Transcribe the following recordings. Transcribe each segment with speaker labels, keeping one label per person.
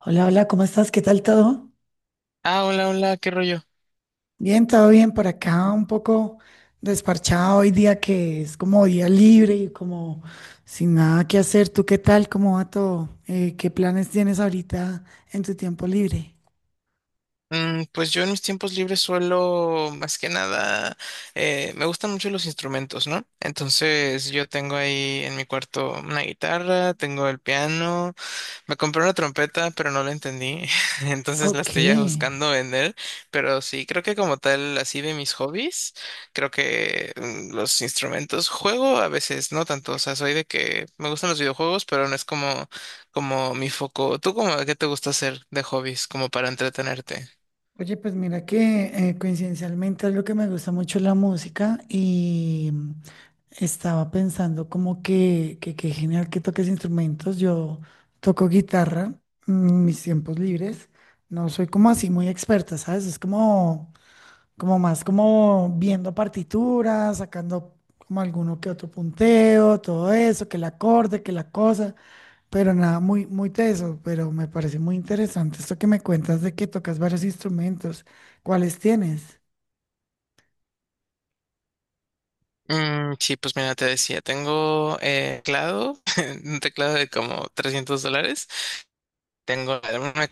Speaker 1: Hola, hola, ¿cómo estás? ¿Qué tal todo?
Speaker 2: Ah, hola, hola, ¿qué rollo?
Speaker 1: Bien, todo bien por acá, un poco desparchado hoy día que es como día libre y como sin nada que hacer. ¿Tú qué tal? ¿Cómo va todo? ¿Qué planes tienes ahorita en tu tiempo libre?
Speaker 2: Pues yo en mis tiempos libres suelo, más que nada, me gustan mucho los instrumentos, ¿no? Entonces yo tengo ahí en mi cuarto una guitarra, tengo el piano. Me compré una trompeta, pero no la entendí, entonces la
Speaker 1: Ok.
Speaker 2: estoy ya buscando vender, pero sí, creo que como tal, así de mis hobbies, creo que los instrumentos, juego a veces, no tanto, o sea, soy de que me gustan los videojuegos, pero no es como, como mi foco. ¿Tú como qué te gusta hacer de hobbies, como para entretenerte?
Speaker 1: Oye, pues mira que coincidencialmente es lo que me gusta mucho la música y estaba pensando como que genial que toques instrumentos. Yo toco guitarra en mis tiempos libres. No soy como así muy experta, ¿sabes? Es como, como más como viendo partituras, sacando como alguno que otro punteo, todo eso, que el acorde, que la cosa. Pero nada, muy, muy teso, pero me parece muy interesante esto que me cuentas de que tocas varios instrumentos. ¿Cuáles tienes?
Speaker 2: Mm, sí, pues mira, te decía, tengo teclado, un teclado de como $300. Tengo una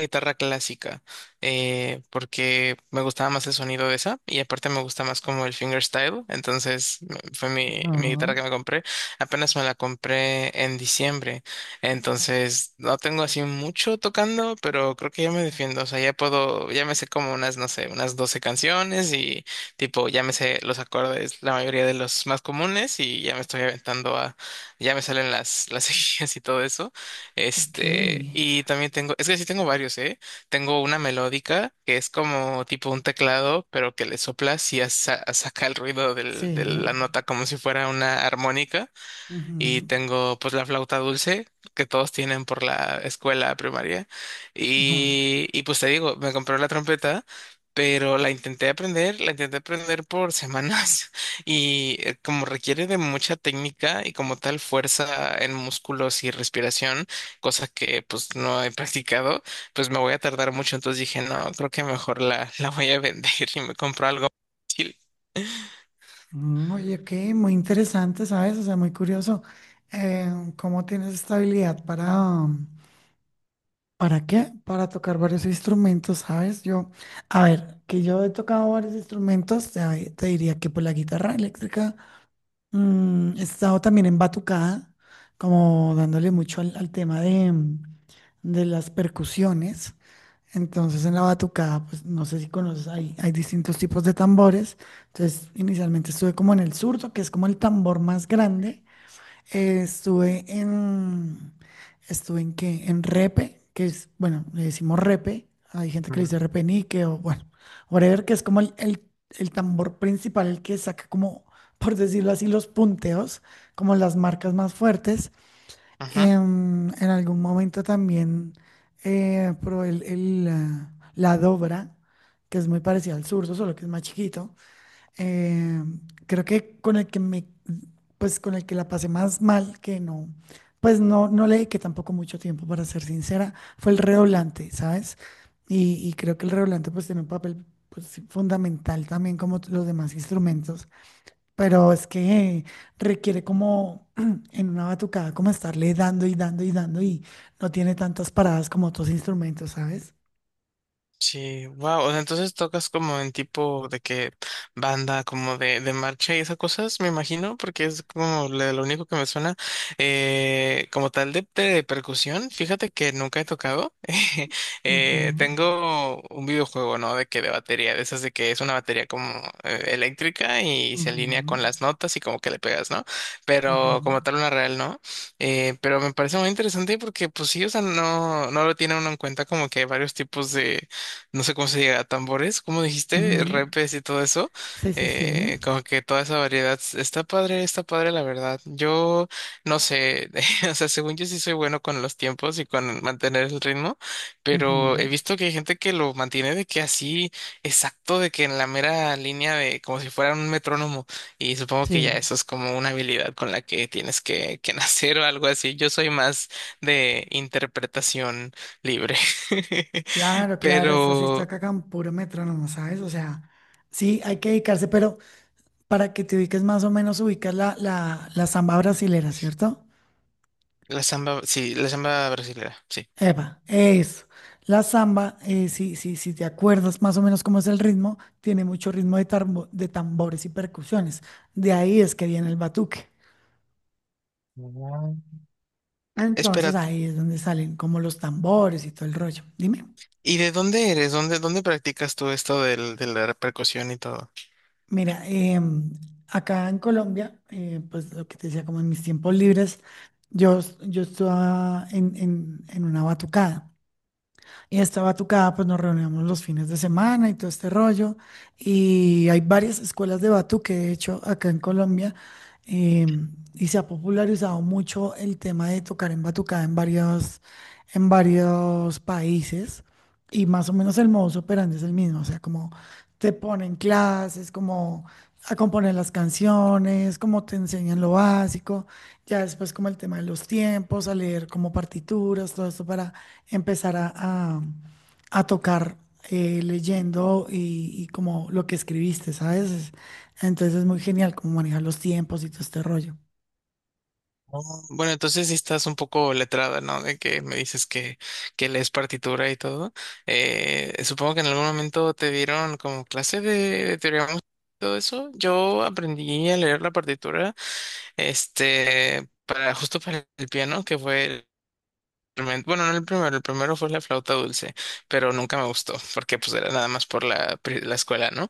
Speaker 2: guitarra clásica, porque me gustaba más el sonido de esa y aparte me gusta más como el fingerstyle, entonces fue mi
Speaker 1: Ah.
Speaker 2: guitarra que me compré. Apenas me la compré en diciembre, entonces no tengo así mucho tocando, pero creo que ya me defiendo, o sea, ya puedo, ya me sé como unas, no sé, unas 12 canciones y tipo, ya me sé los acordes, la mayoría de los más comunes y ya me estoy aventando a, ya me salen las seguidas y todo eso.
Speaker 1: Ok,
Speaker 2: Este, y también tengo, es que sí tengo varios, ¿eh? Tengo una melódica que es como tipo un teclado, pero que le soplas y ya saca el ruido de
Speaker 1: sí.
Speaker 2: la nota como si fuera una armónica y
Speaker 1: Ujú.
Speaker 2: tengo pues la flauta dulce que todos tienen por la escuela primaria
Speaker 1: Ajá.
Speaker 2: y pues te digo, me compré la trompeta, pero la intenté aprender por semanas y como requiere de mucha técnica y como tal fuerza en músculos y respiración, cosa que pues no he practicado, pues me voy a tardar mucho, entonces dije, no, creo que mejor la voy a vender y me compro algo más útil.
Speaker 1: Oye, qué muy interesante, ¿sabes? O sea, muy curioso. eh, ¿Cómo tienes esta habilidad para qué? Para tocar varios instrumentos, ¿sabes? Yo, a ver, que yo he tocado varios instrumentos, te diría que por la guitarra eléctrica. He estado también en batucada, como dándole mucho al, al tema de, de las percusiones. Entonces, en la batucada, pues no sé si conoces, hay distintos tipos de tambores. Entonces, inicialmente estuve como en el zurdo que es como el tambor más grande. Estuve en, estuve en qué, en Repe, que es, bueno, le decimos Repe, hay gente que le
Speaker 2: Ujú.
Speaker 1: dice Repenique o bueno, whatever, que es como el tambor principal, el que saca como, por decirlo así, los punteos, como las marcas más fuertes.
Speaker 2: Ujú.
Speaker 1: En algún momento también probé el, ah, la dobra, que es muy parecida al zurdo, solo que es más chiquito. Eh, Creo que con el que me, pues con el que la pasé más mal, que no, pues no, no le dediqué tampoco mucho tiempo, para ser sincera, fue el redoblante, ¿sabes? Y creo que el redoblante pues tiene un papel pues, sí, fundamental también como los demás instrumentos, pero es que requiere como en una batucada como estarle dando y dando y dando y no tiene tantas paradas como otros instrumentos, ¿sabes?
Speaker 2: Sí, wow. O sea, entonces tocas como en tipo de que banda, como de marcha y esas cosas, me imagino, porque es como lo único que me suena. Como tal de percusión, fíjate que nunca he tocado.
Speaker 1: Ujú.
Speaker 2: Tengo un videojuego, ¿no? De que de batería, de esas de que es una batería como eléctrica y se alinea
Speaker 1: Ujú.
Speaker 2: con las notas y como que le pegas, ¿no?
Speaker 1: Ajá.
Speaker 2: Pero como tal una real, ¿no? Pero me parece muy interesante porque, pues sí, o sea, no, no lo tiene uno en cuenta como que hay varios tipos de no sé cómo se diga, tambores, como dijiste,
Speaker 1: Ujú.
Speaker 2: repes y todo eso,
Speaker 1: Sí, sí, sí.
Speaker 2: como que toda esa variedad está padre la verdad. Yo no sé, o sea, según yo sí soy bueno con los tiempos y con mantener el ritmo, pero
Speaker 1: Ujú.
Speaker 2: he visto que hay gente que lo mantiene de que así exacto, de que en la mera línea de como si fuera un metrónomo y supongo que ya
Speaker 1: Sí,
Speaker 2: eso es como una habilidad con la que tienes que nacer o algo así. Yo soy más de interpretación libre.
Speaker 1: claro, claro, esto sí está
Speaker 2: Pero
Speaker 1: acá con puro metrónomo, ¿sabes? O sea, sí, hay que dedicarse, pero para que te ubiques más o menos, ubicas la samba brasilera, ¿cierto?
Speaker 2: la samba, sí, la samba brasileña, sí.
Speaker 1: Eva, eso. La samba, si, si, si te acuerdas más o menos cómo es el ritmo, tiene mucho ritmo de, de tambores y percusiones. De ahí es que viene el batuque.
Speaker 2: Ah. Espera,
Speaker 1: Entonces ahí es donde salen como los tambores y todo el rollo. Dime.
Speaker 2: ¿y de dónde eres? ¿Dónde, dónde practicas tú esto del, de la percusión y todo?
Speaker 1: Mira, acá en Colombia, pues lo que te decía, como en mis tiempos libres, yo, yo estaba en una batucada. Y esta batucada, pues nos reuníamos los fines de semana y todo este rollo. Y hay varias escuelas de batuque, de hecho, acá en Colombia. eh, y se ha popularizado mucho el tema de tocar en batucada en varios países. Y más o menos el modus operandi es el mismo. O sea, como te ponen clases, como a componer las canciones, como te enseñan lo básico. Ya después como el tema de los tiempos, a leer como partituras, todo esto para empezar a tocar leyendo y como lo que escribiste, ¿sabes? Es... Entonces es muy genial como manejar los tiempos y todo este rollo.
Speaker 2: Oh, bueno, entonces sí estás un poco letrada, ¿no? De que me dices que lees partitura y todo. Supongo que en algún momento te dieron como clase de teoría musical y todo eso. Yo aprendí a leer la partitura. Este, para, justo para el piano, que fue bueno, no el primero, el primero fue la flauta dulce, pero nunca me gustó, porque pues era nada más por la escuela, ¿no?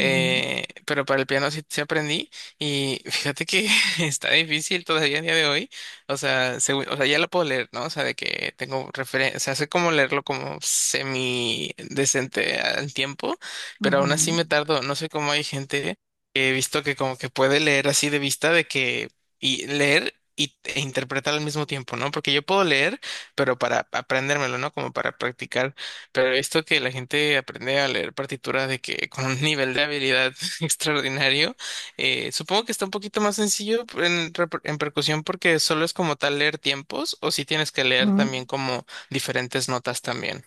Speaker 1: Ujú,
Speaker 2: Pero para el piano sí, sí aprendí y fíjate que está difícil todavía a día de hoy, o sea, o sea, ya lo puedo leer, ¿no? O sea, de que tengo referencia, o sea, sé cómo leerlo como semi decente al tiempo, pero aún así
Speaker 1: ujú,
Speaker 2: me tardo, no sé cómo hay gente que he visto que como que puede leer así de vista de que y leer y, e interpretar al mismo tiempo, ¿no? Porque yo puedo leer pero para aprendérmelo, ¿no? Como para practicar. Pero esto que la gente aprende a leer partituras de que con un nivel de habilidad extraordinario, supongo que está un poquito más sencillo en, en percusión porque solo es como tal leer tiempos o si tienes que leer también
Speaker 1: ujú.
Speaker 2: como diferentes notas también.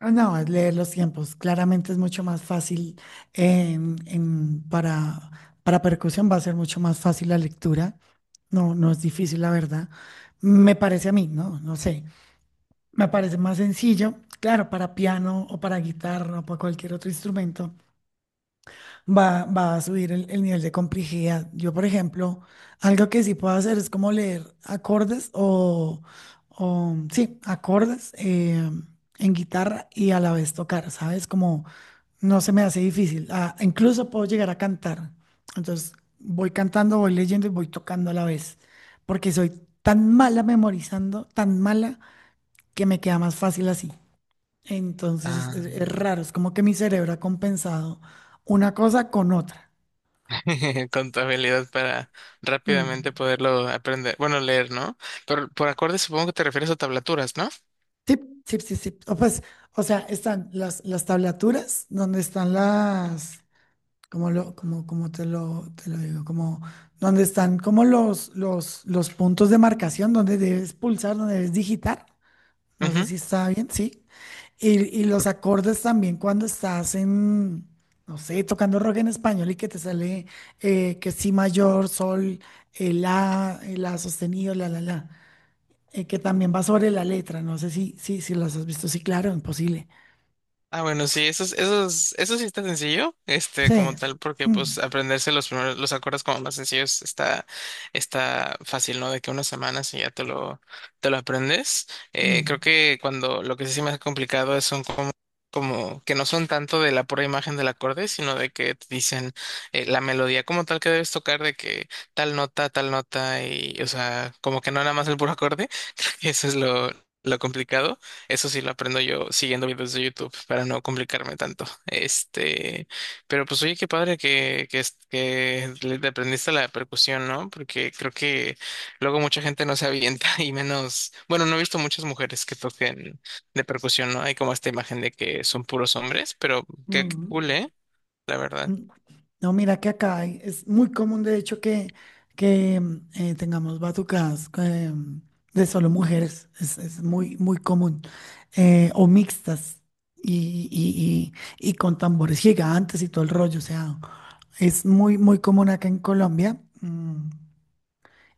Speaker 1: Ah, no, es leer los tiempos. Claramente es mucho más fácil en- en- para, para percusión, va a ser mucho más fácil la lectura. No, no es difícil, la verdad. Me parece a mí, ¿no? No sé. Me parece más sencillo, claro, para piano o para guitarra o para cualquier otro instrumento, va, va a subir el nivel de complejidad. Yo, por ejemplo, algo que sí puedo hacer es como leer acordes o, sí, acordes en guitarra y a la vez tocar, ¿sabes? Como no se me hace difícil. Ah, incluso puedo llegar a cantar. Entonces, voy cantando, voy leyendo y voy tocando a la vez, porque soy tan mala memorizando, tan mala, que me queda más fácil así. Entonces
Speaker 2: Ah.
Speaker 1: es raro, es como que mi cerebro ha compensado una cosa con otra.
Speaker 2: Con tu habilidad para
Speaker 1: Mm.
Speaker 2: rápidamente poderlo aprender, bueno, leer, ¿no? Pero por acordes supongo que te refieres a tablaturas, ¿no?
Speaker 1: Sí, sí, sí, sí. O pues, o sea, están las tablaturas, donde están las, como lo, como, como te lo digo, como donde están como los puntos de marcación, donde debes pulsar, donde debes digitar. No sé
Speaker 2: Mjum.
Speaker 1: si está bien, sí. Y los acordes también cuando estás en, no sé, tocando rock en español y que te sale que si mayor, sol, el la sostenido, la, que también va sobre la letra. No sé si, si, si las has visto. Sí, claro, imposible.
Speaker 2: Ah, bueno, sí, eso, eso, eso sí está sencillo, este, como
Speaker 1: Sí.
Speaker 2: tal, porque pues
Speaker 1: Mm,
Speaker 2: aprenderse los primeros, los acordes como más sencillos está, está fácil, ¿no? De que unas semanas y ya te te lo aprendes.
Speaker 1: mm,
Speaker 2: Creo que cuando lo que sí se me ha complicado es son como, como que no son tanto de la pura imagen del acorde, sino de que te dicen la melodía como tal que debes tocar, de que tal nota, y, o sea, como que no nada más el puro acorde, creo que eso es lo complicado. Eso sí lo aprendo yo siguiendo videos de YouTube para no complicarme tanto. Este, pero pues oye, qué padre que le te aprendiste la percusión, ¿no? Porque creo que luego mucha gente no se avienta y menos, bueno, no he visto muchas mujeres que toquen de percusión, ¿no? Hay como esta imagen de que son puros hombres, pero qué cool,
Speaker 1: mm.
Speaker 2: ¿eh? La verdad.
Speaker 1: Mm, No, mira que acá hay... es muy común, de hecho, que tengamos batucadas de solo mujeres. Es muy, muy común. O mixtas y, y- y con tambores gigantes y todo el rollo. O sea, es muy, muy común acá en Colombia.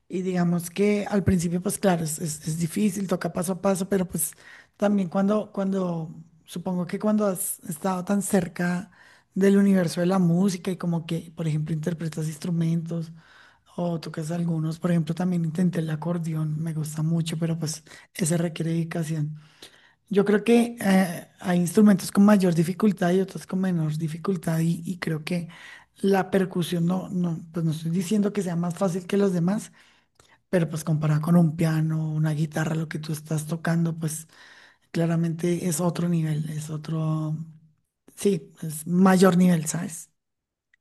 Speaker 1: Y digamos que al principio, pues claro, es, es difícil, toca paso a paso, pero pues también cuando, cuando, supongo que cuando has estado tan cerca del universo de la música y como que, por ejemplo, interpretas instrumentos o tocas algunos, por ejemplo, también intenté el acordeón, me gusta mucho, pero pues ese requiere dedicación. Yo creo que hay instrumentos con mayor dificultad y otros con menor dificultad y creo que la percusión no, no, pues no estoy diciendo que sea más fácil que los demás pero pues comparado con un piano, una guitarra, lo que tú estás tocando, pues claramente es otro nivel, es otro, sí, es mayor nivel, ¿sabes?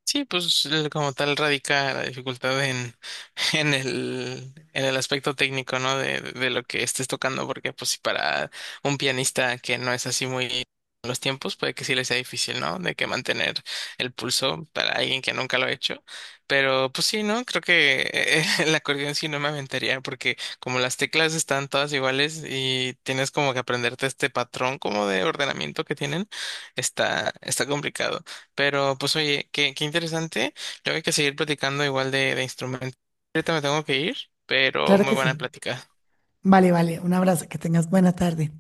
Speaker 2: Sí, pues como tal radica la dificultad en, en en el aspecto técnico, ¿no? De lo que estés tocando, porque pues si para un pianista que no es así muy con los tiempos, puede que sí le sea difícil, ¿no? De que mantener el pulso para alguien que nunca lo ha hecho. Pero pues sí, ¿no? Creo que el acordeón sí no me aventaría, porque como las teclas están todas iguales y tienes como que aprenderte este patrón como de ordenamiento que tienen, está, está complicado. Pero pues oye, qué interesante. Luego hay que seguir platicando igual de instrumentos. Ahorita me tengo que ir, pero
Speaker 1: Claro
Speaker 2: muy
Speaker 1: que
Speaker 2: buena
Speaker 1: sí.
Speaker 2: plática.
Speaker 1: Vale, vale, un abrazo, que tengas buena tarde.